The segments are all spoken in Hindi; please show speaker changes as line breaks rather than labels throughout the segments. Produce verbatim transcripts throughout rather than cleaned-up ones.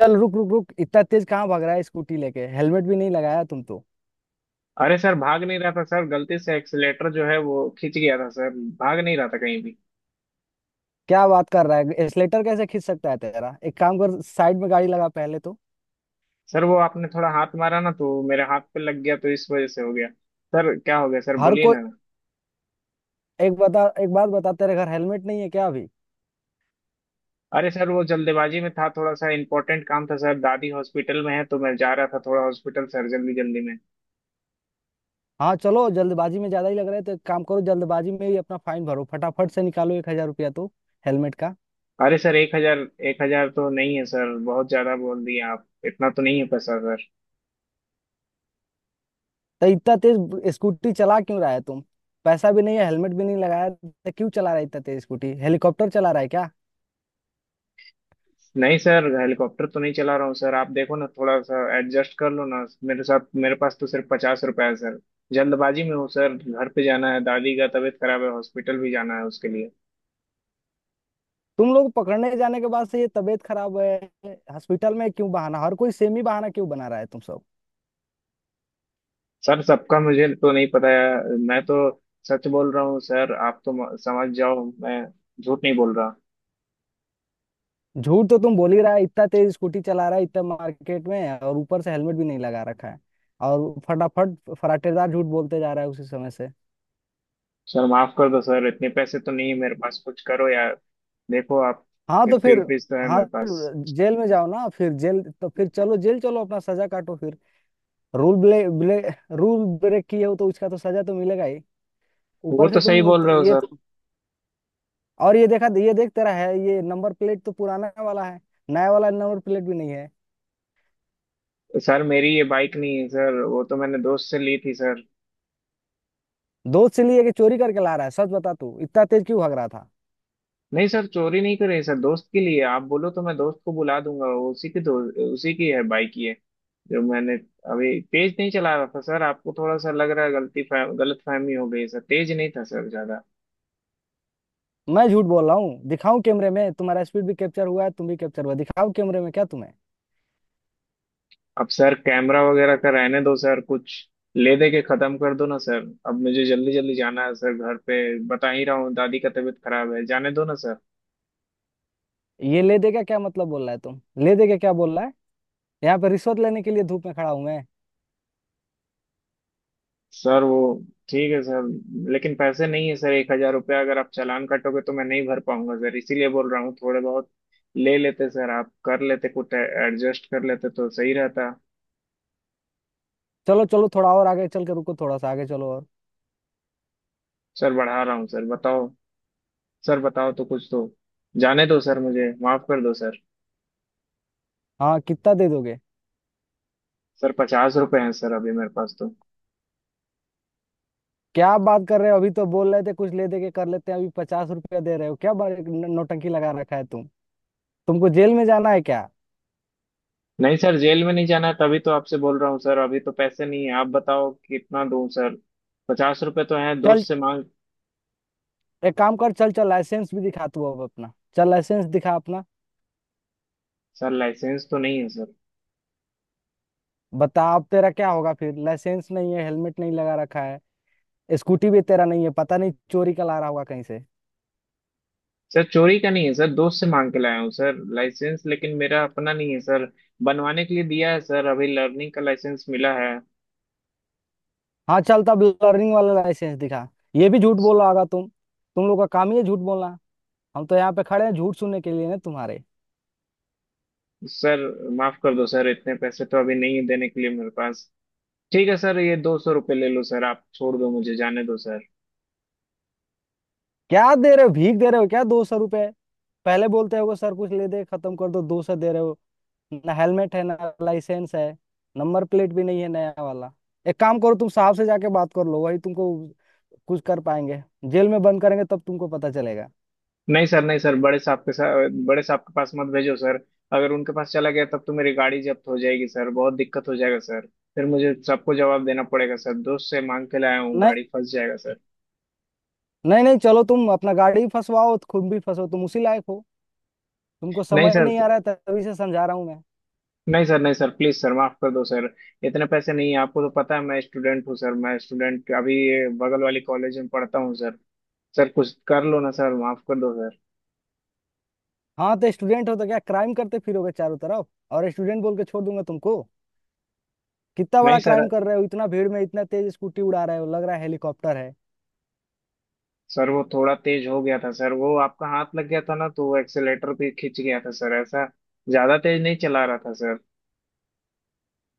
चल, रुक रुक रुक। इतना तेज कहाँ भाग रहा है स्कूटी लेके? हेलमेट भी नहीं लगाया तुम तो।
अरे सर भाग नहीं रहा था सर। गलती से एक्सीलेटर जो है वो खींच गया था सर। भाग नहीं रहा था कहीं भी।
क्या बात कर रहा है? एक्सलेटर कैसे खींच सकता है तेरा? एक काम कर, साइड में गाड़ी लगा पहले तो।
सर वो आपने थोड़ा हाथ मारा ना, तो मेरे हाथ पे लग गया, तो इस वजह से हो गया। सर क्या हो गया सर,
हर
बोलिए
कोई।
ना।
एक बता एक बात बता, तेरे घर हेलमेट नहीं है क्या अभी?
अरे सर वो जल्दबाजी में था, थोड़ा सा इंपॉर्टेंट काम था सर। दादी हॉस्पिटल में है तो मैं जा रहा था थोड़ा हॉस्पिटल सर, जल्दी जल्दी में।
हाँ, चलो जल्दबाजी में ज्यादा ही लग रहा है तो एक काम करो, जल्दबाजी में ही अपना फाइन भरो। फटाफट से निकालो एक हजार रुपया तो। हेलमेट का।
अरे सर एक हजार! एक हजार तो नहीं है सर, बहुत ज्यादा बोल दिया आप। इतना तो नहीं है पैसा सर।
तो इतना तेज स्कूटी चला क्यों रहा है तुम? पैसा भी नहीं है, हेलमेट भी नहीं लगाया तो क्यों चला रहा है इतना तेज स्कूटी? हेलीकॉप्टर चला रहा है क्या?
नहीं सर, हेलीकॉप्टर तो नहीं चला रहा हूँ सर। आप देखो ना, थोड़ा सा एडजस्ट कर लो ना मेरे साथ। मेरे पास तो सिर्फ पचास रुपए है सर। जल्दबाजी में हूँ सर, घर पे जाना है। दादी का तबीयत खराब है, हॉस्पिटल भी जाना है उसके लिए।
तुम लोग पकड़ने जाने के बाद से ये तबीयत खराब है। हॉस्पिटल में, क्यों बहाना? हर कोई सेम ही बहाना क्यों बना रहा है तुम सब?
सर सबका मुझे तो नहीं पता है, मैं तो सच बोल रहा हूँ सर। आप तो म- समझ जाओ, मैं झूठ नहीं बोल रहा।
झूठ तो तुम बोल ही रहा है। इतना तेज स्कूटी चला रहा है इतना मार्केट में, और ऊपर से हेलमेट भी नहीं लगा रखा है। और फटाफट फराटेदार झूठ बोलते जा रहा है उसी समय से।
सर माफ कर दो सर, इतने पैसे तो नहीं है मेरे पास। कुछ करो यार, देखो आप।
हाँ, तो
फिफ्टी
फिर?
रुपीज तो है
हाँ,
मेरे
फिर?
पास।
जेल में जाओ ना फिर। जेल तो, फिर चलो जेल चलो, अपना सजा काटो फिर। रूल ब्ले, ब्ले रूल ब्रेक किए हो तो उसका तो सजा तो मिलेगा ही।
वो
ऊपर से
तो सही
तुम, इत-
बोल रहे हो
ये
सर।
तो। और ये देखा ये देख, तेरा है ये। नंबर प्लेट तो पुराना वाला है। नया वाला नंबर प्लेट भी नहीं है।
सर मेरी ये बाइक नहीं है सर, वो तो मैंने दोस्त से ली थी सर।
दोस्त से लिए कि चोरी करके ला रहा है? सच बता तू, इतना तेज क्यों भाग रहा था?
नहीं सर, चोरी नहीं करे सर। दोस्त के लिए आप बोलो तो मैं दोस्त को बुला दूंगा। वो उसी की दो, उसी की है बाइक ये, जो मैंने। अभी तेज नहीं चला रहा था सर, आपको थोड़ा सा लग रहा है। गलती फह, गलत फहमी हो गई सर, तेज नहीं था सर ज्यादा।
मैं झूठ बोल रहा हूँ? दिखाऊं कैमरे में? तुम्हारा स्पीड भी कैप्चर हुआ है, तुम भी कैप्चर हुआ। दिखाओ कैमरे में क्या तुम्हें?
अब सर कैमरा वगैरह का रहने दो सर। कुछ ले दे के खत्म कर दो ना सर, अब मुझे जल्दी जल्दी जाना है सर घर पे। बता ही रहा हूँ दादी का तबीयत खराब है, जाने दो ना सर।
ये ले देगा क्या मतलब बोल रहा है तुम? ले देगा क्या बोल रहा है? यहाँ पे रिश्वत लेने के लिए धूप में खड़ा हूं मैं?
सर वो ठीक है सर, लेकिन पैसे नहीं है सर। एक हजार रुपया अगर आप चालान काटोगे तो मैं नहीं भर पाऊंगा सर। इसीलिए बोल रहा हूँ, थोड़े बहुत ले लेते सर। आप कर लेते, कुछ एडजस्ट कर लेते तो सही रहता।
चलो चलो, थोड़ा और आगे चल के रुको। थोड़ा सा आगे चलो और।
सर बढ़ा रहा हूँ सर, बताओ सर। बताओ तो कुछ तो, जाने दो सर, मुझे माफ कर दो सर।
हाँ, कितना दे दोगे?
सर पचास रुपए हैं सर अभी मेरे पास तो।
क्या बात कर रहे हो? अभी तो बोल रहे थे कुछ ले दे के कर लेते हैं, अभी पचास रुपया दे रहे हो क्या? बड़े न- नौटंकी लगा रखा है तुम। तुमको जेल में जाना है क्या?
नहीं सर, जेल में नहीं जाना है। तभी तो आपसे बोल रहा हूँ सर, अभी तो पैसे नहीं है। आप बताओ कितना दूं सर, पचास रुपए तो हैं,
चल,
दोस्त से मांग।
एक काम कर, चल चल लाइसेंस भी दिखा तू अब अपना। चल लाइसेंस दिखा अपना।
सर लाइसेंस तो नहीं है सर।
बता अब तेरा क्या होगा फिर? लाइसेंस नहीं है, हेलमेट नहीं लगा रखा है। स्कूटी भी तेरा नहीं है, पता नहीं चोरी का ला रहा होगा कहीं से।
सर चोरी का नहीं है सर, दोस्त से मांग के लाया हूँ सर। लाइसेंस लेकिन मेरा अपना नहीं है सर, बनवाने के लिए दिया है सर। अभी लर्निंग का लाइसेंस मिला है।
हाँ चल, तब लर्निंग वाला लाइसेंस दिखा। ये भी झूठ बोल रहा होगा तुम। तुम लोग का काम ही है झूठ बोलना। हम तो यहाँ पे खड़े हैं झूठ सुनने के लिए ना तुम्हारे?
सर माफ कर दो सर, इतने पैसे तो अभी नहीं है देने के लिए मेरे पास। ठीक है सर, ये दो सौ रुपये ले लो सर, आप छोड़ दो मुझे, जाने दो सर।
क्या दे रहे हो? भीख दे रहे हो क्या? दो सौ रुपए? पहले बोलते हो सर कुछ ले दे खत्म कर दो, दो सौ दे रहे हो। ना हेलमेट है, ना लाइसेंस है, नंबर प्लेट भी नहीं है नया वाला। एक काम करो, तुम साहब से जाके बात कर लो, वही तुमको कुछ कर पाएंगे। जेल में बंद करेंगे तब तुमको पता चलेगा।
नहीं सर, नहीं सर, बड़े साहब के साथ, बड़े साहब के पास मत भेजो सर। अगर उनके पास चला गया तब तो मेरी गाड़ी जब्त हो जाएगी सर, बहुत दिक्कत हो जाएगा सर। फिर मुझे सबको जवाब देना पड़ेगा सर, दोस्त से मांग के लाया हूँ,
नहीं।
गाड़ी फंस जाएगा सर।
नहीं नहीं, चलो तुम अपना गाड़ी फंसवाओ तो खुद भी फंसो, तुम उसी लायक हो। तुमको
नहीं
समझ
सर,
नहीं आ रहा है, तभी से समझा रहा हूँ मैं।
नहीं सर, नहीं सर, प्लीज सर, माफ कर दो सर। इतने पैसे नहीं है, आपको तो पता है मैं स्टूडेंट हूँ सर। मैं स्टूडेंट अभी बगल वाली कॉलेज में पढ़ता हूँ सर। सर कुछ कर लो ना सर, माफ कर दो सर।
हाँ, तो स्टूडेंट हो तो क्या क्राइम करते फिरोगे चारों तरफ? और स्टूडेंट बोल के छोड़ दूंगा तुमको? कितना बड़ा
नहीं सर।
क्राइम कर रहे हो! इतना भीड़ में इतना तेज स्कूटी उड़ा रहे हो, लग रहा है हेलीकॉप्टर है।
सर वो थोड़ा तेज हो गया था सर, वो आपका हाथ लग गया था ना तो वो एक्सेलेटर भी खिंच गया था सर। ऐसा ज्यादा तेज नहीं चला रहा था सर।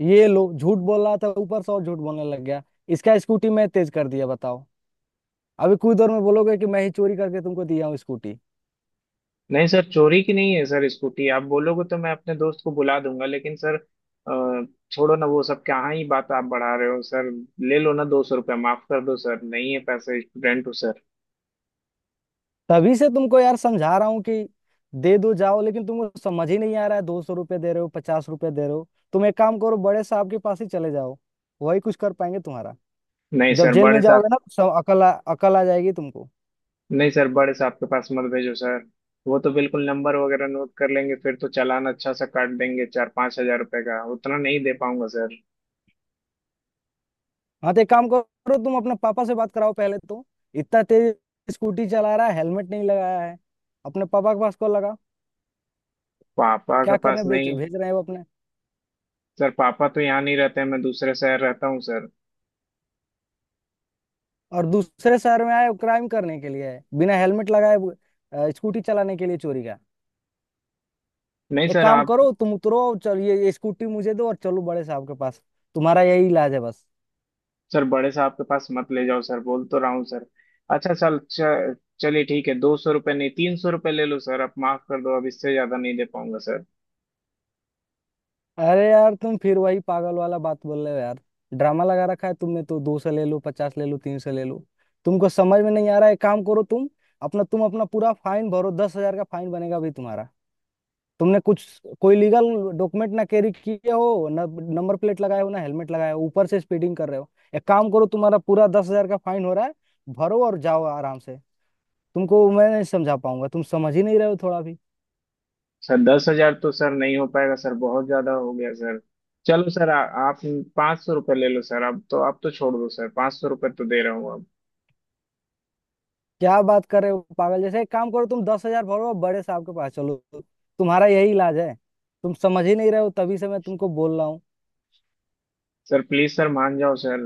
ये लो, झूठ बोल रहा था ऊपर से, और झूठ बोलने लग गया। इसका स्कूटी मैं तेज कर दिया बताओ? अभी कुछ देर में बोलोगे कि मैं ही चोरी करके तुमको दिया हूँ स्कूटी।
नहीं सर, चोरी की नहीं है सर स्कूटी। आप बोलोगे तो मैं अपने दोस्त को बुला दूंगा, लेकिन सर अ, छोड़ो ना वो सब। कहाँ ही बात आप बढ़ा रहे हो सर? ले लो ना दो सौ रुपया, माफ कर दो सर। नहीं है पैसे, स्टूडेंट हूँ सर।
तभी से तुमको यार समझा रहा हूँ कि दे दो जाओ, लेकिन तुमको समझ ही नहीं आ रहा है। दो सौ रुपये दे रहे हो, पचास रुपये दे रहे हो। तुम एक काम करो, बड़े साहब के पास ही चले जाओ, वही कुछ कर पाएंगे तुम्हारा।
नहीं
जब
सर
जेल में
बड़े साहब,
जाओगे ना तो सब अकल आ, अकल आ जाएगी तुमको।
नहीं सर बड़े साहब के पास मत भेजो सर। वो तो बिल्कुल नंबर वगैरह नोट कर लेंगे, फिर तो चालान अच्छा सा काट देंगे, चार पाँच हजार रुपए का, उतना नहीं दे पाऊंगा सर।
हाँ, तो एक काम करो, तुम अपने पापा से बात कराओ पहले तो। इतना तेज स्कूटी चला रहा है, हेलमेट नहीं लगाया है। अपने पापा के पास कॉल लगा।
पापा के
क्या
पास
करने भेज
नहीं
भेज रहे हैं वो अपने?
सर, पापा तो यहाँ नहीं रहते हैं, मैं दूसरे शहर रहता हूँ सर।
और दूसरे शहर में आए? वो क्राइम करने के लिए आए, बिना हेलमेट लगाए वो, अ, स्कूटी चलाने के लिए चोरी का?
नहीं
एक
सर
काम
आप,
करो, तुम उतरो और चल, ये, ये स्कूटी मुझे दो और चलो बड़े साहब के पास। तुम्हारा यही इलाज है बस।
सर बड़े साहब के पास मत ले जाओ सर, बोल तो रहा हूँ सर। अच्छा सर च- चलिए, ठीक है। दो सौ रुपये नहीं, तीन सौ रुपये ले लो सर, आप माफ कर दो, अब इससे ज्यादा नहीं दे पाऊंगा सर।
अरे यार, तुम फिर वही पागल वाला बात बोल रहे हो यार। ड्रामा लगा रखा है तुमने तो, दो सौ ले लो, पचास ले लो, तीन सौ ले लो। तुमको समझ में नहीं आ रहा है, काम करो तुम अपना तुम अपना पूरा फाइन भरो, दस हजार का फाइन बनेगा अभी तुम्हारा। तुमने कुछ कोई लीगल डॉक्यूमेंट ना कैरी किए हो, ना नंबर प्लेट लगाए हो, ना हेलमेट लगाए हो, ऊपर से स्पीडिंग कर रहे हो। एक काम करो, तुम्हारा पूरा दस हजार का फाइन हो रहा है, भरो और जाओ आराम से। तुमको मैं नहीं समझा पाऊंगा, तुम समझ ही नहीं रहे हो थोड़ा भी।
सर दस हजार तो सर नहीं हो पाएगा सर, बहुत ज्यादा हो गया सर। चलो सर आ, आप पाँच सौ रुपये ले लो सर, अब तो आप तो छोड़ दो सर। पाँच सौ रुपये तो दे रहा हूँ अब।
क्या बात कर रहे हो पागल जैसे? एक काम करो, तुम दस हजार भरो और बड़े साहब के पास चलो, तुम्हारा यही इलाज है। तुम समझ ही नहीं रहे हो तभी से मैं तुमको बोल रहा हूँ।
सर प्लीज सर मान जाओ सर,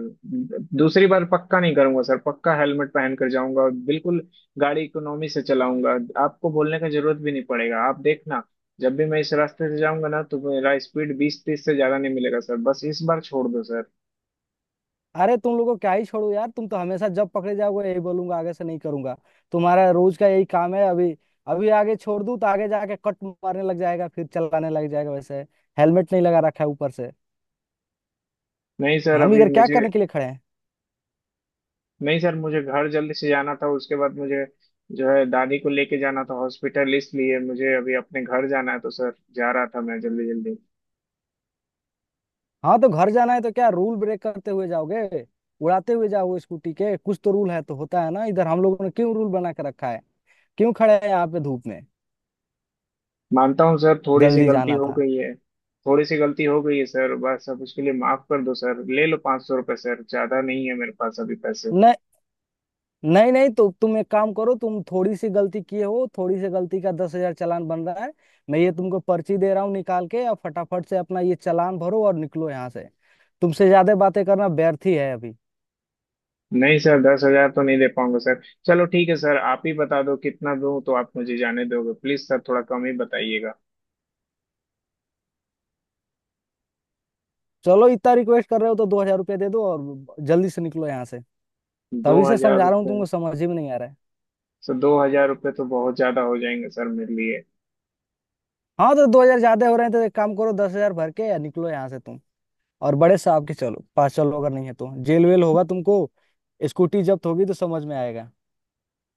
दूसरी बार पक्का नहीं करूंगा सर। पक्का हेलमेट पहन कर जाऊंगा और बिल्कुल गाड़ी इकोनॉमी से चलाऊंगा। आपको बोलने का जरूरत भी नहीं पड़ेगा, आप देखना। जब भी मैं इस रास्ते से जाऊंगा ना, तो मेरा स्पीड बीस तीस से ज्यादा नहीं मिलेगा सर। बस इस बार छोड़ दो सर।
अरे तुम लोगों को क्या ही छोड़ू यार? तुम तो हमेशा जब पकड़े जाओगे यही बोलूंगा आगे से नहीं करूंगा। तुम्हारा रोज का यही काम है अभी। अभी आगे छोड़ दूं तो आगे जाके कट मारने लग जाएगा, फिर चलाने लग जाएगा वैसे। हेलमेट नहीं लगा रखा है ऊपर से।
नहीं सर
हम
अभी
इधर क्या
मुझे,
करने के लिए खड़े हैं?
नहीं सर मुझे घर जल्दी से जाना था। उसके बाद मुझे जो है दादी को लेके जाना था हॉस्पिटल, इसलिए मुझे अभी अपने घर जाना है, तो सर जा रहा था मैं जल्दी जल्दी।
हाँ, तो घर जाना है तो क्या रूल ब्रेक करते हुए जाओगे? उड़ाते हुए जाओगे स्कूटी के? कुछ तो रूल है तो होता है ना इधर? हम लोगों ने क्यों रूल बना के रखा है? क्यों खड़े हैं यहाँ पे धूप में?
मानता हूँ सर, थोड़ी सी
जल्दी
गलती
जाना
हो
था।
गई है। थोड़ी सी गलती हो गई है सर, बस अब उसके लिए माफ कर दो सर। ले लो पाँच सौ रुपये सर, ज्यादा नहीं है मेरे पास अभी पैसे।
नहीं नहीं, तो तुम एक काम करो, तुम थोड़ी सी गलती किए हो, थोड़ी सी गलती का दस हजार चालान बन रहा है। मैं ये तुमको पर्ची दे रहा हूँ निकाल के, और फटाफट से अपना ये चालान भरो और निकलो यहाँ से। तुमसे ज्यादा बातें करना व्यर्थ ही है अभी।
नहीं सर, दस हजार तो नहीं दे पाऊंगा सर। चलो ठीक है सर, आप ही बता दो कितना दूं तो आप मुझे जाने दोगे, प्लीज सर थोड़ा कम ही बताइएगा।
चलो, इतना रिक्वेस्ट कर रहे हो तो दो हजार रुपये दे दो और जल्दी से निकलो यहाँ से।
दो
तभी से
हजार
समझा रहा हूँ,
रुपये
तुमको समझ ही में नहीं आ रहा है।
सर दो हजार रुपये तो बहुत ज्यादा हो जाएंगे सर मेरे लिए।
हाँ, तो दो हजार ज्यादा हो रहे हैं तो एक काम करो, दस हजार भर के या निकलो यहाँ से तुम। और बड़े साहब के चलो पास चलो, अगर नहीं है तो जेल वेल होगा तुमको। स्कूटी जब्त होगी तो समझ में आएगा।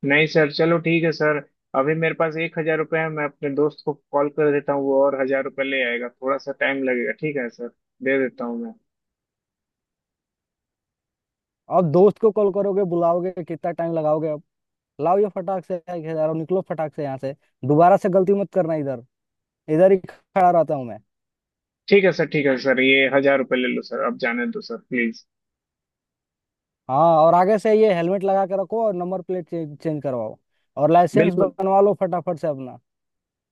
नहीं सर, चलो ठीक है सर। अभी मेरे पास एक हजार रुपये है, मैं अपने दोस्त को कॉल कर देता हूँ, वो और हजार रुपये ले आएगा। थोड़ा सा टाइम लगेगा, ठीक है सर? दे देता हूँ मैं।
अब दोस्त को कॉल करोगे, बुलाओगे, कितना टाइम लगाओगे अब? लाओ ये फटाक से यार, निकलो फटाक से यहाँ से। दोबारा से गलती मत करना इधर, इधर ही खड़ा रहता हूँ मैं।
ठीक है सर, ठीक है सर, ये हजार रुपये ले लो सर, अब जाने दो सर प्लीज।
हाँ, और आगे से ये हेलमेट लगा के रखो, और नंबर प्लेट चेंज चेंज करवाओ और लाइसेंस
बिल्कुल,
बनवा लो फटाफट से अपना।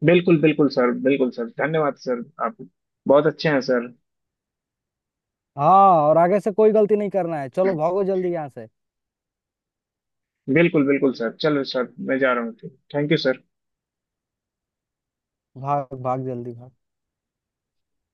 बिल्कुल बिल्कुल सर, बिल्कुल सर, धन्यवाद सर, आप बहुत अच्छे हैं सर।
हाँ, और आगे से कोई गलती नहीं करना है, चलो भागो जल्दी यहाँ से।
बिल्कुल बिल्कुल सर, चलो सर मैं जा रहा हूँ। Thank you sir.
भाग भाग जल्दी भाग।